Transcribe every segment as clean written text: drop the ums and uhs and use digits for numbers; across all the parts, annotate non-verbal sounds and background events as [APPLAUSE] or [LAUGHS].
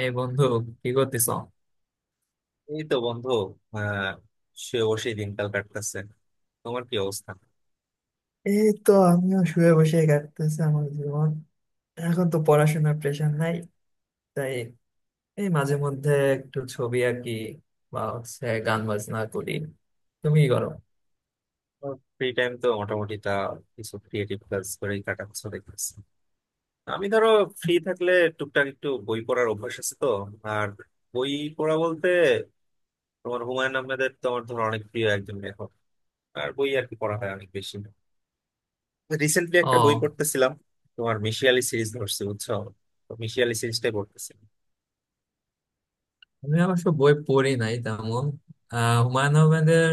এই বন্ধু, কি করতেছ? এই তো বন্ধু। আহ সে অবশ্যই দিনকাল কাটতেছে। তোমার কি অবস্থা? এই তো, আমিও শুয়ে বসে কাটতেছে আমার জীবন। এখন তো পড়াশোনার প্রেশার নাই, তাই এই মাঝে মধ্যে একটু ছবি আঁকি, বা হচ্ছে গান বাজনা করি। তুমি কি করো? ফ্রি টাইম তো মোটামুটি তা কিছু ক্রিয়েটিভ কাজ করেই কাটাচ্ছ দেখতেছি। আমি ধরো ফ্রি থাকলে টুকটাক একটু বই পড়ার অভ্যাস আছে তো। আর বই পড়া বলতে তোমার হুমায়ুন আহমেদের তো আমার ধরো অনেক প্রিয় একজন লেখক। আর বই আর কি পড়া হয় অনেক বেশি। রিসেন্টলি একটা বই ও, পড়তেছিলাম, তোমার মিশিয়ালি সিরিজ ধরছি বুঝছো, তো মিশিয়ালি সিরিজটাই পড়তেছিলাম। আমি অবশ্য বই পড়ি নাই তেমন। হুমায়ুন আহমেদের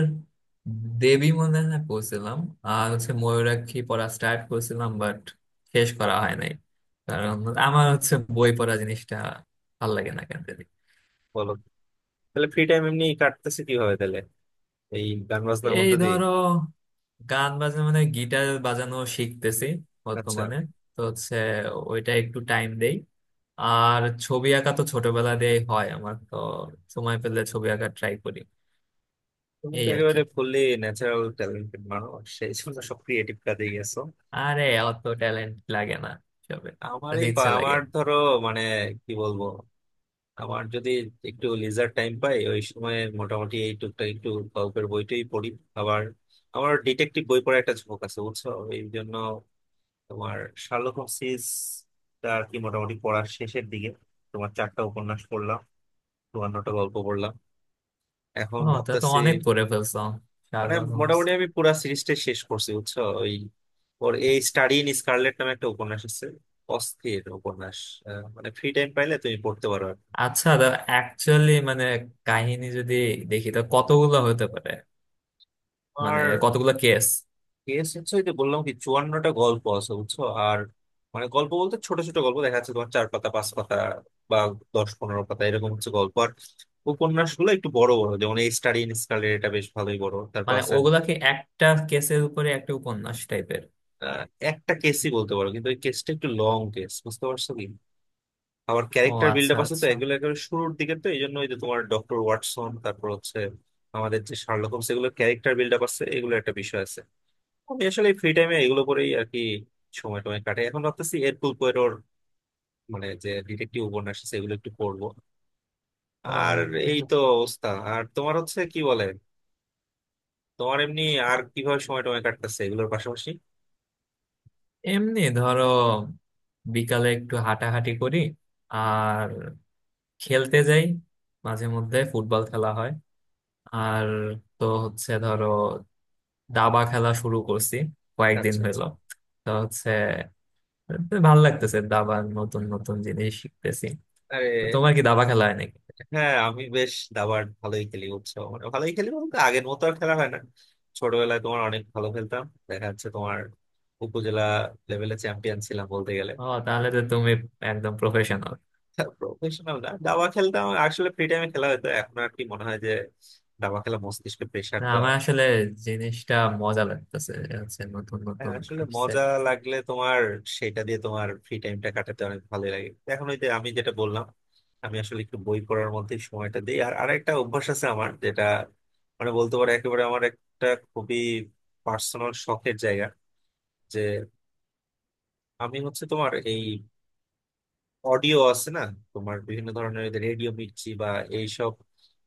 দেবী মনে হয় পড়ছিলাম। আর হচ্ছে ময়ূরাক্ষী পড়া স্টার্ট করেছিলাম, বাট শেষ করা হয় নাই। কারণ আমার হচ্ছে বই পড়া জিনিসটা ভাল লাগে না কেন। বলো, তাহলে ফ্রি টাইম এমনি কাটতেছে কিভাবে তাহলে? এই গান বাজনার এই মধ্যে দিয়ে? ধরো, গান বাজনা মানে গিটার বাজানো শিখতেছি আচ্ছা, বর্তমানে। তো হচ্ছে, ওইটা একটু টাইম দেই। আর ছবি আঁকা তো ছোটবেলা দিয়েই হয় আমার, তো সময় পেলে ছবি আঁকা ট্রাই করি। তুমি তো এই আর কি। একেবারে ফুললি ন্যাচারাল ট্যালেন্টেড মানুষ, সেই জন্য সব ক্রিয়েটিভ কাজে গেছো। আরে, অত ট্যালেন্ট লাগে না, সবে just ইচ্ছা লাগে। আমার ধরো মানে কি বলবো, আমার যদি একটু লিজার টাইম পাই ওই সময় মোটামুটি এই টুকটাক একটু গল্পের বইটাই পড়ি। আবার আমার ডিটেকটিভ বই পড়ার একটা ঝোঁক আছে বুঝছো, এই জন্য তোমার শার্লক হোমসিস টা আর কি মোটামুটি পড়ার শেষের দিকে। তোমার চারটা উপন্যাস পড়লাম, 54টা গল্প পড়লাম, এখন ও, তা তো ভাবতেছি অনেক করে ফেলছো, মানে শার্লক হোমস। মোটামুটি আমি পুরা সিরিজটা শেষ করছি বুঝছো। ওই ওর এই স্টাডি ইন স্কারলেট নামে একটা উপন্যাস আছে, অস্থির উপন্যাস। মানে ফ্রি টাইম পাইলে তুমি পড়তে পারো। আচ্ছা, অ্যাকচুয়ালি মানে কাহিনী যদি দেখি তা কতগুলো হতে পারে, মানে আর কতগুলো কেস। কেস হচ্ছে ওই যে বললাম কি 54টা গল্প আছে বুঝছো। আর মানে গল্প বলতে ছোট ছোট গল্প দেখা যাচ্ছে তোমার চার পাতা পাঁচ পাতা বা 10-15 পাতা এরকম হচ্ছে গল্প। আর উপন্যাস গুলো একটু বড় বড়, যেমন এই স্টাডি ইন স্কারলেট এটা বেশ ভালোই বড়, তারপর মানে আছে। ওগুলাকে একটা কেসের উপরে একটা উপন্যাস টাইপের? আহ, একটা কেসই বলতে পারো, কিন্তু ওই কেসটা একটু লং কেস, বুঝতে পারছো কি? আমার ও, ক্যারেক্টার বিল্ড আচ্ছা আপ আছে তো, আচ্ছা। এগুলো একেবারে শুরুর দিকে তো, এই জন্য ওই যে তোমার ডক্টর ওয়াটসন, তারপর হচ্ছে আমাদের যে শার্লক হোমস, এগুলো ক্যারেক্টার বিল্ড আপ আছে, এগুলো একটা বিষয় আছে। আমি আসলে ফ্রি টাইমে এগুলো করেই আর কি সময় টময় কাটে। এখন ভাবতেছি এরকুল পোয়ারোর মানে যে ডিটেকটিভ উপন্যাস আছে এগুলো একটু পড়বো। আর ও, এই তো অবস্থা। আর তোমার হচ্ছে কি বলে, তোমার এমনি আর কিভাবে সময় টময় কাটতেছে এগুলোর পাশাপাশি? এমনি ধরো বিকালে একটু হাঁটাহাঁটি করি, আর খেলতে যাই, মাঝে মধ্যে ফুটবল খেলা হয়। আর তো হচ্ছে ধরো, দাবা খেলা শুরু করছি কয়েকদিন আচ্ছা, আচ্ছা। হলো। তো হচ্ছে, ভালো লাগতেছে, দাবার নতুন নতুন জিনিস শিখতেছি। তো তোমার আরে, কি দাবা খেলা হয় নাকি? হ্যাঁ আমি বেশ দাবার ভালোই খেলি বুঝছো। মানে ভালোই খেলি বলতে আগের মতো আর খেলা হয় না। ছোটবেলায় তোমার অনেক ভালো খেলতাম, দেখা যাচ্ছে তোমার উপজেলা লেভেলে চ্যাম্পিয়ন ছিলাম বলতে গেলে। ও, তাহলে তো তুমি একদম প্রফেশনাল। প্রফেশনাল না, দাবা খেলতাম আসলে ফ্রি টাইমে, খেলা হতো। এখন আর কি মনে হয় যে দাবা খেলা মস্তিষ্কে প্রেসার না দেওয়া। আমার আসলে জিনিসটা মজা লাগতেছে, হচ্ছে নতুন হ্যাঁ, নতুন আসলে আসছে। মজা লাগলে তোমার সেটা দিয়ে তোমার ফ্রি টাইমটা কাটাতে অনেক ভালোই লাগে। এখন ওই যে আমি যেটা বললাম, আমি আসলে একটু বই পড়ার মধ্যে সময়টা দিই। আর আরেকটা অভ্যাস আছে আমার, যেটা মানে বলতে পারো একেবারে আমার একটা খুবই পার্সোনাল শখের জায়গা, যে আমি হচ্ছে তোমার এই অডিও আছে না, তোমার বিভিন্ন ধরনের রেডিও মির্চি বা এইসব,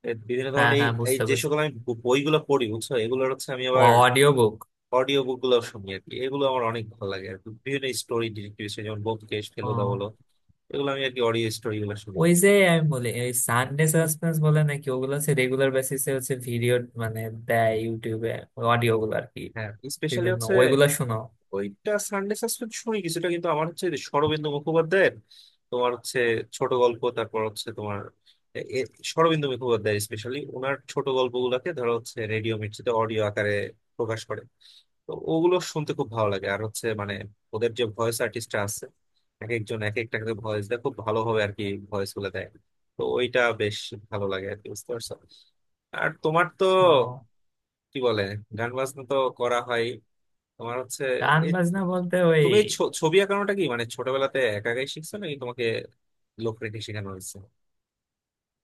বিভিন্ন হ্যাঁ ধরনের এই হ্যাঁ, এই বুঝতে যে পারছি। সকল আমি বইগুলো পড়ি বুঝছো এগুলোর হচ্ছে আমি আবার অডিও বুক। অডিও বুক গুলো শুনি আর কি। এগুলো আমার অনেক ভালো লাগে আর কি বিভিন্ন স্টোরি ডিটেক্টিভ, যেমন ব্যোমকেশ ফেলুদা বলো, ও, এগুলো আমি আর কি অডিও স্টোরি গুলো শুনি। ওই যে আমি বলি ওই সানডে সাসপেন্স বলে নাকি ওগুলো, হচ্ছে রেগুলার বেসিসে হচ্ছে ভিডিও, মানে দেয় ইউটিউবে অডিও গুলো আর কি। হ্যাঁ, স্পেশালি বিভিন্ন হচ্ছে ওইগুলো শোনো? ওইটা সানডে সাসপেন্স শুনি কিছুটা, কিন্তু আমার হচ্ছে শরদিন্দু মুখোপাধ্যায়ের তোমার হচ্ছে ছোট গল্প, তারপর হচ্ছে তোমার এ- এ- শরদিন্দু মুখোপাধ্যায় স্পেশালি ওনার ছোট গল্পগুলোকে ধরো হচ্ছে রেডিও মির্চিতে অডিও আকারে প্রকাশ করে। তো ওগুলো শুনতে খুব ভালো লাগে। আর হচ্ছে মানে ওদের যে ভয়েস আর্টিস্টরা আছে, এক একজন এক একটা ভয়েস দেয় খুব ভালোভাবে আর কি, ভয়েস গুলো দেয়। তো ওইটা বেশ ভালো লাগে আর কি, বুঝতে পারছো? আর তোমার তো ও, কি বলে গান বাজনা তো করা হয়, তোমার হচ্ছে গান এই বাজনা বলতে ওই। তুমি এই ছবি আঁকানোটা কি মানে ছোটবেলাতে একা একাই শিখছো নাকি তোমাকে লোক রেখে শেখানো হয়েছে?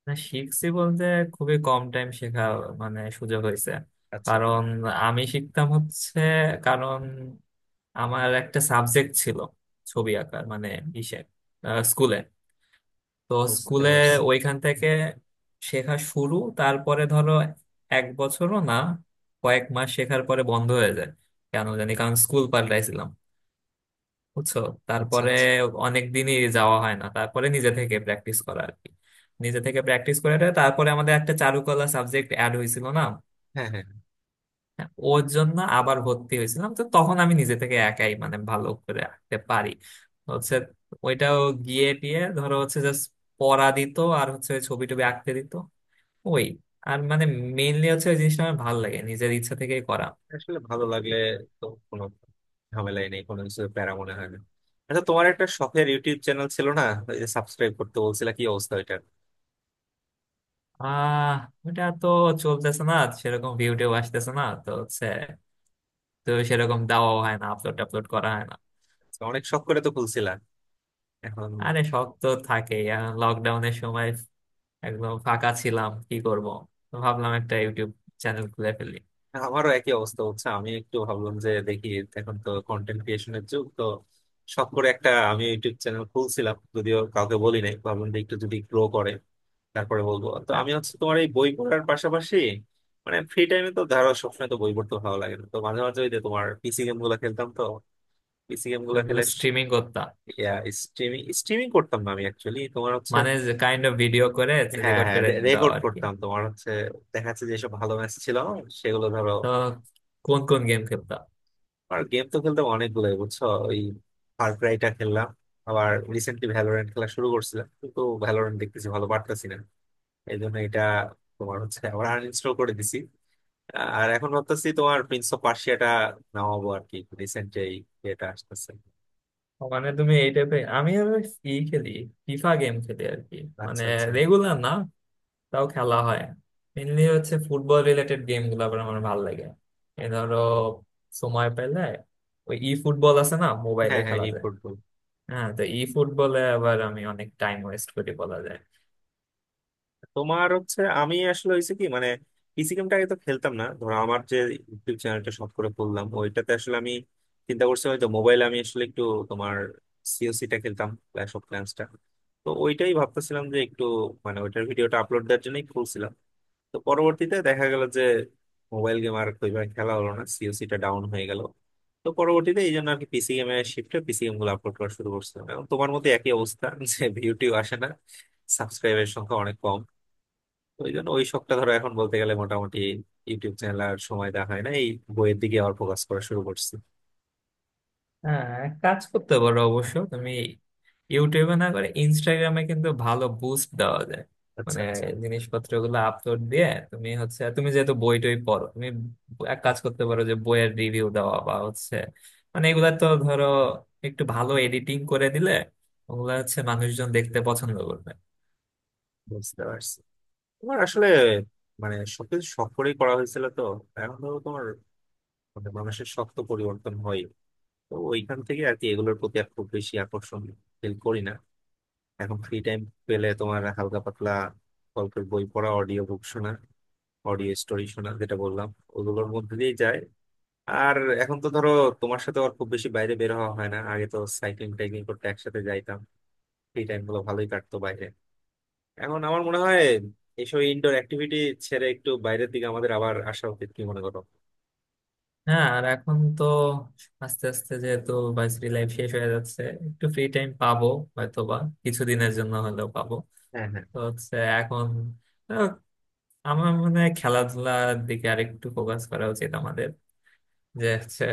না, শিখছি বলতে খুবই কম টাইম শেখা, মানে সুযোগ হয়েছে। আচ্ছা, কারণ আমি শিখতাম হচ্ছে, কারণ আমার একটা সাবজেক্ট ছিল, ছবি আঁকার, মানে ইসে, স্কুলে। তো বুঝতে স্কুলে পারছি। ওইখান থেকে শেখা শুরু। তারপরে ধরো এক বছরও না, কয়েক মাস শেখার পরে বন্ধ হয়ে যায় কেন জানি, কারণ স্কুল পাল্টাইছিলাম, বুঝছো। আচ্ছা, তারপরে আচ্ছা। অনেক দিনই যাওয়া হয় না, তারপরে নিজে থেকে প্র্যাকটিস করা আর কি। নিজে থেকে প্র্যাকটিস করে তারপরে আমাদের একটা চারুকলা সাবজেক্ট অ্যাড হয়েছিল না। হ্যাঁ, হ্যাঁ, হ্যাঁ। হ্যাঁ, ওর জন্য আবার ভর্তি হয়েছিলাম, তো তখন আমি নিজে থেকে একাই মানে ভালো করে আঁকতে পারি। হচ্ছে ওইটাও গিয়ে টিয়ে ধরো, হচ্ছে জাস্ট পড়া দিত, আর হচ্ছে ওই ছবি টবি আঁকতে দিত ওই। আর মানে মেইনলি হচ্ছে ওই জিনিসটা আমার ভালো লাগে নিজের ইচ্ছা থেকেই করা আসলে ভালো পুরোপুরি। লাগলে তো কোনো ঝামেলাই নেই, কোনো কিছু প্যারা মনে হয় না। আচ্ছা, তোমার একটা শখের ইউটিউব চ্যানেল ছিল না, ওই যে সাবস্ক্রাইব করতে বলছিলা, কি অবস্থা ওইটার? আহ ওটা তো চলতেছে না, সেরকম ভিউ টিউ আসতেছে না, তো হচ্ছে তো সেরকম দেওয়াও হয় না, আপলোড টাপলোড করা হয় না। অনেক শখ করে তো খুলছিলা এখন। আরে, শখ তো থাকে। লকডাউনের সময় একদম ফাঁকা ছিলাম, কি করব? তো ভাবলাম একটা ইউটিউব চ্যানেল খুলে ফেলি। আমারও একই অবস্থা হচ্ছে, আমি একটু ভাবলাম যে দেখি এখন তো কন্টেন্ট ক্রিয়েশনের যুগ তো, শখ করে একটা আমি ইউটিউব চ্যানেল খুলছিলাম, যদিও কাউকে বলি নাই, ভাবলাম যে একটু যদি গ্রো করে তারপরে বলবো। তো হ্যাঁ, আমি হচ্ছে তোমার এই বই পড়ার পাশাপাশি মানে ফ্রি টাইমে তো ধরো সবসময় তো বই পড়তে ভালো লাগে না, তো মাঝে মাঝে ওই যে তোমার পিসি গেম গুলা খেলতাম তো, পিসি গেম তো গুলা ওগুলো খেলে স্ট্রিমিং করতাম, স্ট্রিমিং স্ট্রিমিং করতাম না, আমি অ্যাকচুয়ালি তোমার হচ্ছে মানে কাইন্ড অফ ভিডিও করে হ্যাঁ রেকর্ড হ্যাঁ করে দাও রেকর্ড আর কি। করতাম। তোমার হচ্ছে দেখা যাচ্ছে যেসব ভালো ম্যাচ ছিল সেগুলো ধরো। তো কোন কোন গেম খেলতাম? আর গেম তো খেলতাম অনেকগুলোই বুঝছো, ওই ফার ক্রাইটা খেললাম, আবার রিসেন্টলি ভ্যালোরেন্ট খেলা শুরু করছিলাম কিন্তু ভ্যালোরেন্ট দেখতেছি ভালো পারতেছি না, এই জন্য এটা তোমার হচ্ছে আবার আনইনস্টল করে দিছি। আর এখন ভাবতেছি তোমার প্রিন্স অফ পার্সিয়াটা নামাবো আর কি, রিসেন্ট যে এটা আসতেছে। ও, মানে তুমি এই টাইপের, আমি আবার ই খেলি, ফিফা গেম খেলি আর কি। মানে আচ্ছা, আচ্ছা। রেগুলার না, তাও খেলা হয়। মেনলি হচ্ছে ফুটবল রিলেটেড গেম গুলো আবার আমার ভালো লাগে। এই ধরো সময় পেলে, ওই ই ফুটবল আছে না মোবাইলে হ্যাঁ, হ্যাঁ, খেলা এই যায়। ফুটবল। হ্যাঁ, তো ই ফুটবলে আবার আমি অনেক টাইম ওয়েস্ট করি বলা যায়। তোমার হচ্ছে আমি আসলে হয়েছে কি মানে পিসি গেমটা আগে তো খেলতাম না, ধরো আমার যে ইউটিউব চ্যানেলটা শখ করে খুললাম ওইটাতে আসলে আমি চিন্তা করছি হয়তো মোবাইলে আমি আসলে একটু তোমার সিওসিটা খেলতাম, ক্ল্যাশ অফ ক্ল্যান্সটা। তো ওইটাই ভাবতেছিলাম যে একটু মানে ওইটার ভিডিওটা আপলোড দেওয়ার জন্যই খুলছিলাম। তো পরবর্তীতে দেখা গেল যে মোবাইল গেম আর ওইভাবে খেলা হলো না, সিওসিটা ডাউন হয়ে গেল। তো পরবর্তীতে এই জন্য আর কি পিসি গেমে শিফটে পিসি গেম গুলো আপলোড করা শুরু করছিলাম, এবং তোমার মতো একই অবস্থা যে ভিউটিউ আসে না, সাবস্ক্রাইবের সংখ্যা অনেক কম। তো ওই জন্য ওই শখটা ধরো এখন বলতে গেলে মোটামুটি ইউটিউব চ্যানেল আর সময় দেখা হয় না, এই বইয়ের দিকে আবার ফোকাস করা শুরু করছি। হ্যাঁ, এক কাজ করতে পারো অবশ্য তুমি, ইউটিউবে না করে ইনস্টাগ্রামে কিন্তু ভালো বুস্ট দেওয়া যায়। আচ্ছা, মানে আচ্ছা, জিনিসপত্র গুলো আপলোড দিয়ে, তুমি হচ্ছে তুমি যেহেতু বই টই পড়ো, তুমি এক কাজ করতে পারো যে বইয়ের রিভিউ দেওয়া বা হচ্ছে, মানে এগুলা তো ধরো একটু ভালো এডিটিং করে দিলে ওগুলা হচ্ছে মানুষজন দেখতে পছন্দ করবে। বুঝতে পারছি। তোমার আসলে মানে সবকিছু শখ করেই করা হয়েছিল তো, এখন ধরো তোমার মানে মানুষের শখ তো পরিবর্তন হয়, তো ওইখান থেকে আর কি এগুলোর প্রতি আর খুব বেশি আকর্ষণ ফিল করি না। এখন ফ্রি টাইম পেলে তোমার হালকা পাতলা গল্পের বই পড়া, অডিও বুক শোনা, অডিও স্টোরি শোনা যেটা বললাম, ওগুলোর মধ্যে দিয়ে যায়। আর এখন তো ধরো তোমার সাথে আর খুব বেশি বাইরে বের হওয়া হয় না, আগে তো সাইক্লিং টাইক্লিং করতে একসাথে যাইতাম, ফ্রি টাইম গুলো ভালোই কাটতো বাইরে। এখন আমার মনে হয় এইসব ইনডোর অ্যাক্টিভিটি ছেড়ে একটু বাইরের দিকে আমাদের আবার আসা উচিত, কি মনে করো? হ্যাঁ, আর এখন তো আস্তে আস্তে যেহেতু ভার্সিটি লাইফ শেষ হয়ে যাচ্ছে, একটু ফ্রি টাইম পাবো, হয়তো বা কিছুদিনের জন্য হলেও পাবো। হ্যাঁ, হ্যাঁ, তো হচ্ছে এখন, আহ, আমার মনে হয় খেলাধুলার দিকে আরেকটু ফোকাস করা উচিত আমাদের। যে হচ্ছে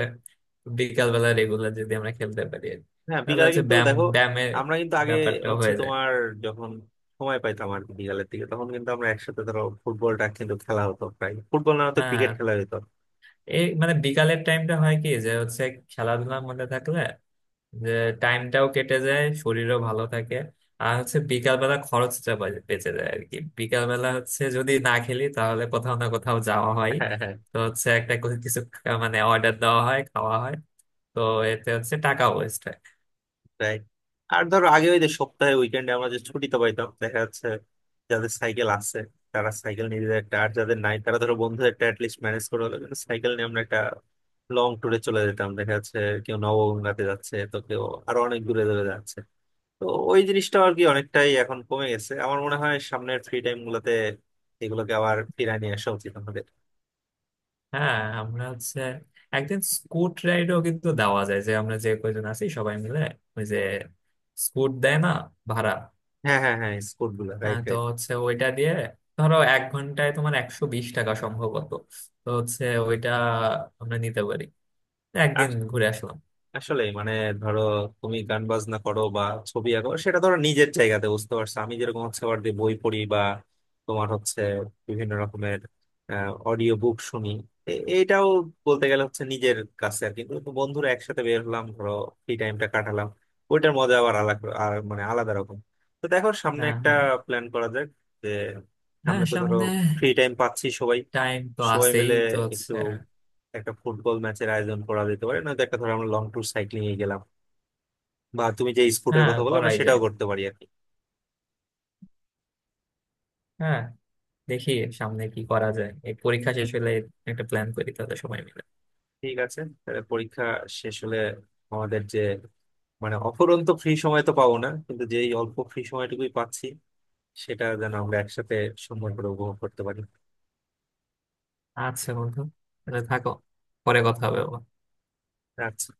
বিকাল বেলা রেগুলার যদি আমরা খেলতে পারি আর কি। হ্যাঁ, তাহলে বিকালে হচ্ছে কিন্তু দেখো ব্যায়ামের আমরা কিন্তু আগে ব্যাপারটা হচ্ছে হয়ে যায়। তোমার যখন সময় পাইতাম আর কি বিকালের দিকে তখন কিন্তু আমরা একসাথে ধরো ফুটবলটা কিন্তু খেলা হতো, প্রায় ফুটবল না হতো ক্রিকেট হ্যাঁ, খেলা হতো। এই মানে বিকালের টাইমটা হয় কি, যে হচ্ছে খেলাধুলার মধ্যে থাকলে, যে টাইমটাও কেটে যায়, শরীরও ভালো থাকে। আর হচ্ছে বিকালবেলা খরচটা বেঁচে যায় আর কি। বিকালবেলা হচ্ছে যদি না খেলি, তাহলে কোথাও না কোথাও যাওয়া হয়, তো [LAUGHS] হচ্ছে একটা কোনো কিছু মানে অর্ডার দেওয়া হয়, খাওয়া হয়। তো এতে হচ্ছে টাকা ওয়েস্ট হয়। রাইট। আর ধরো আগে ওই যে সপ্তাহে উইকেন্ডে আমরা যে ছুটিতে পাইতাম দেখা যাচ্ছে যাদের সাইকেল আছে তারা সাইকেল নিজেদের একটা, আর যাদের নাই তারা ধরো বন্ধুদের একটা অ্যাটলিস্ট ম্যানেজ করে হলো কিন্তু সাইকেল নিয়ে আমরা একটা লং ট্যুরে চলে যেতাম, দেখা যাচ্ছে কেউ নবগঙ্গাতে যাচ্ছে তো কেউ আরো অনেক দূরে দূরে যাচ্ছে। তো ওই জিনিসটা আর কি অনেকটাই এখন কমে গেছে। আমার মনে হয় সামনের ফ্রি টাইম গুলোতে এগুলোকে আবার ফিরিয়ে নিয়ে আসা উচিত আমাদের। হ্যাঁ, আমরা হচ্ছে একদিন স্কুট রাইডও কিন্তু দেওয়া যায়, যে আমরা যে কয়জন আছি সবাই মিলে। ওই যে স্কুট দেয় না, ভাড়া। হ্যাঁ, হ্যাঁ, হ্যাঁ, স্কুল গুলো, হ্যাঁ, রাইট, তো রাইট। হচ্ছে ওইটা দিয়ে ধরো এক ঘন্টায় তোমার 120 টাকা সম্ভবত। তো হচ্ছে ওইটা আমরা নিতে পারি, একদিন ঘুরে আসলাম। আসলে মানে ধরো তুমি গান বাজনা করো বা ছবি আঁকো সেটা ধরো নিজের জায়গাতে, বুঝতে পারছো আমি যেরকম হচ্ছে আবার যে বই পড়ি বা তোমার হচ্ছে বিভিন্ন রকমের অডিও বুক শুনি, এ- এইটাও বলতে গেলে হচ্ছে নিজের কাছে আর কি। কিন্তু বন্ধুরা একসাথে বের হলাম ধরো, ফ্রি টাইমটা কাটালাম, ওইটার মজা আবার আলাদা, আর মানে আলাদা রকম। তো দেখো সামনে হ্যাঁ একটা হ্যাঁ প্ল্যান করা যাক, যে হ্যাঁ, সামনে তো ধরো সামনে ফ্রি টাইম পাচ্ছি সবাই, টাইম তো সবাই আছেই, মিলে তো একটু হচ্ছে। একটা ফুটবল ম্যাচের আয়োজন করা যেতে পারে, নয়তো একটা ধরো আমরা লং ট্যুর সাইক্লিং এ গেলাম, বা তুমি যে স্পোর্টের হ্যাঁ, কথা বললে আমরা করাই যায়। সেটাও করতে পারি আর কি। হ্যাঁ, দেখি সামনে কি করা যায়, এই পরীক্ষা শেষ হলে একটা প্ল্যান করি, তাহলে সময় মিলে। ঠিক আছে, তাহলে পরীক্ষা শেষ হলে আমাদের যে মানে অফুরন্ত ফ্রি সময় তো পাবো না, কিন্তু যেই অল্প ফ্রি সময়টুকুই পাচ্ছি সেটা যেন আমরা একসাথে সুন্দর করে উপভোগ করতে পারি। আচ্ছা বন্ধু, তাহলে থাকো, পরে কথা হবে আবার। আচ্ছা।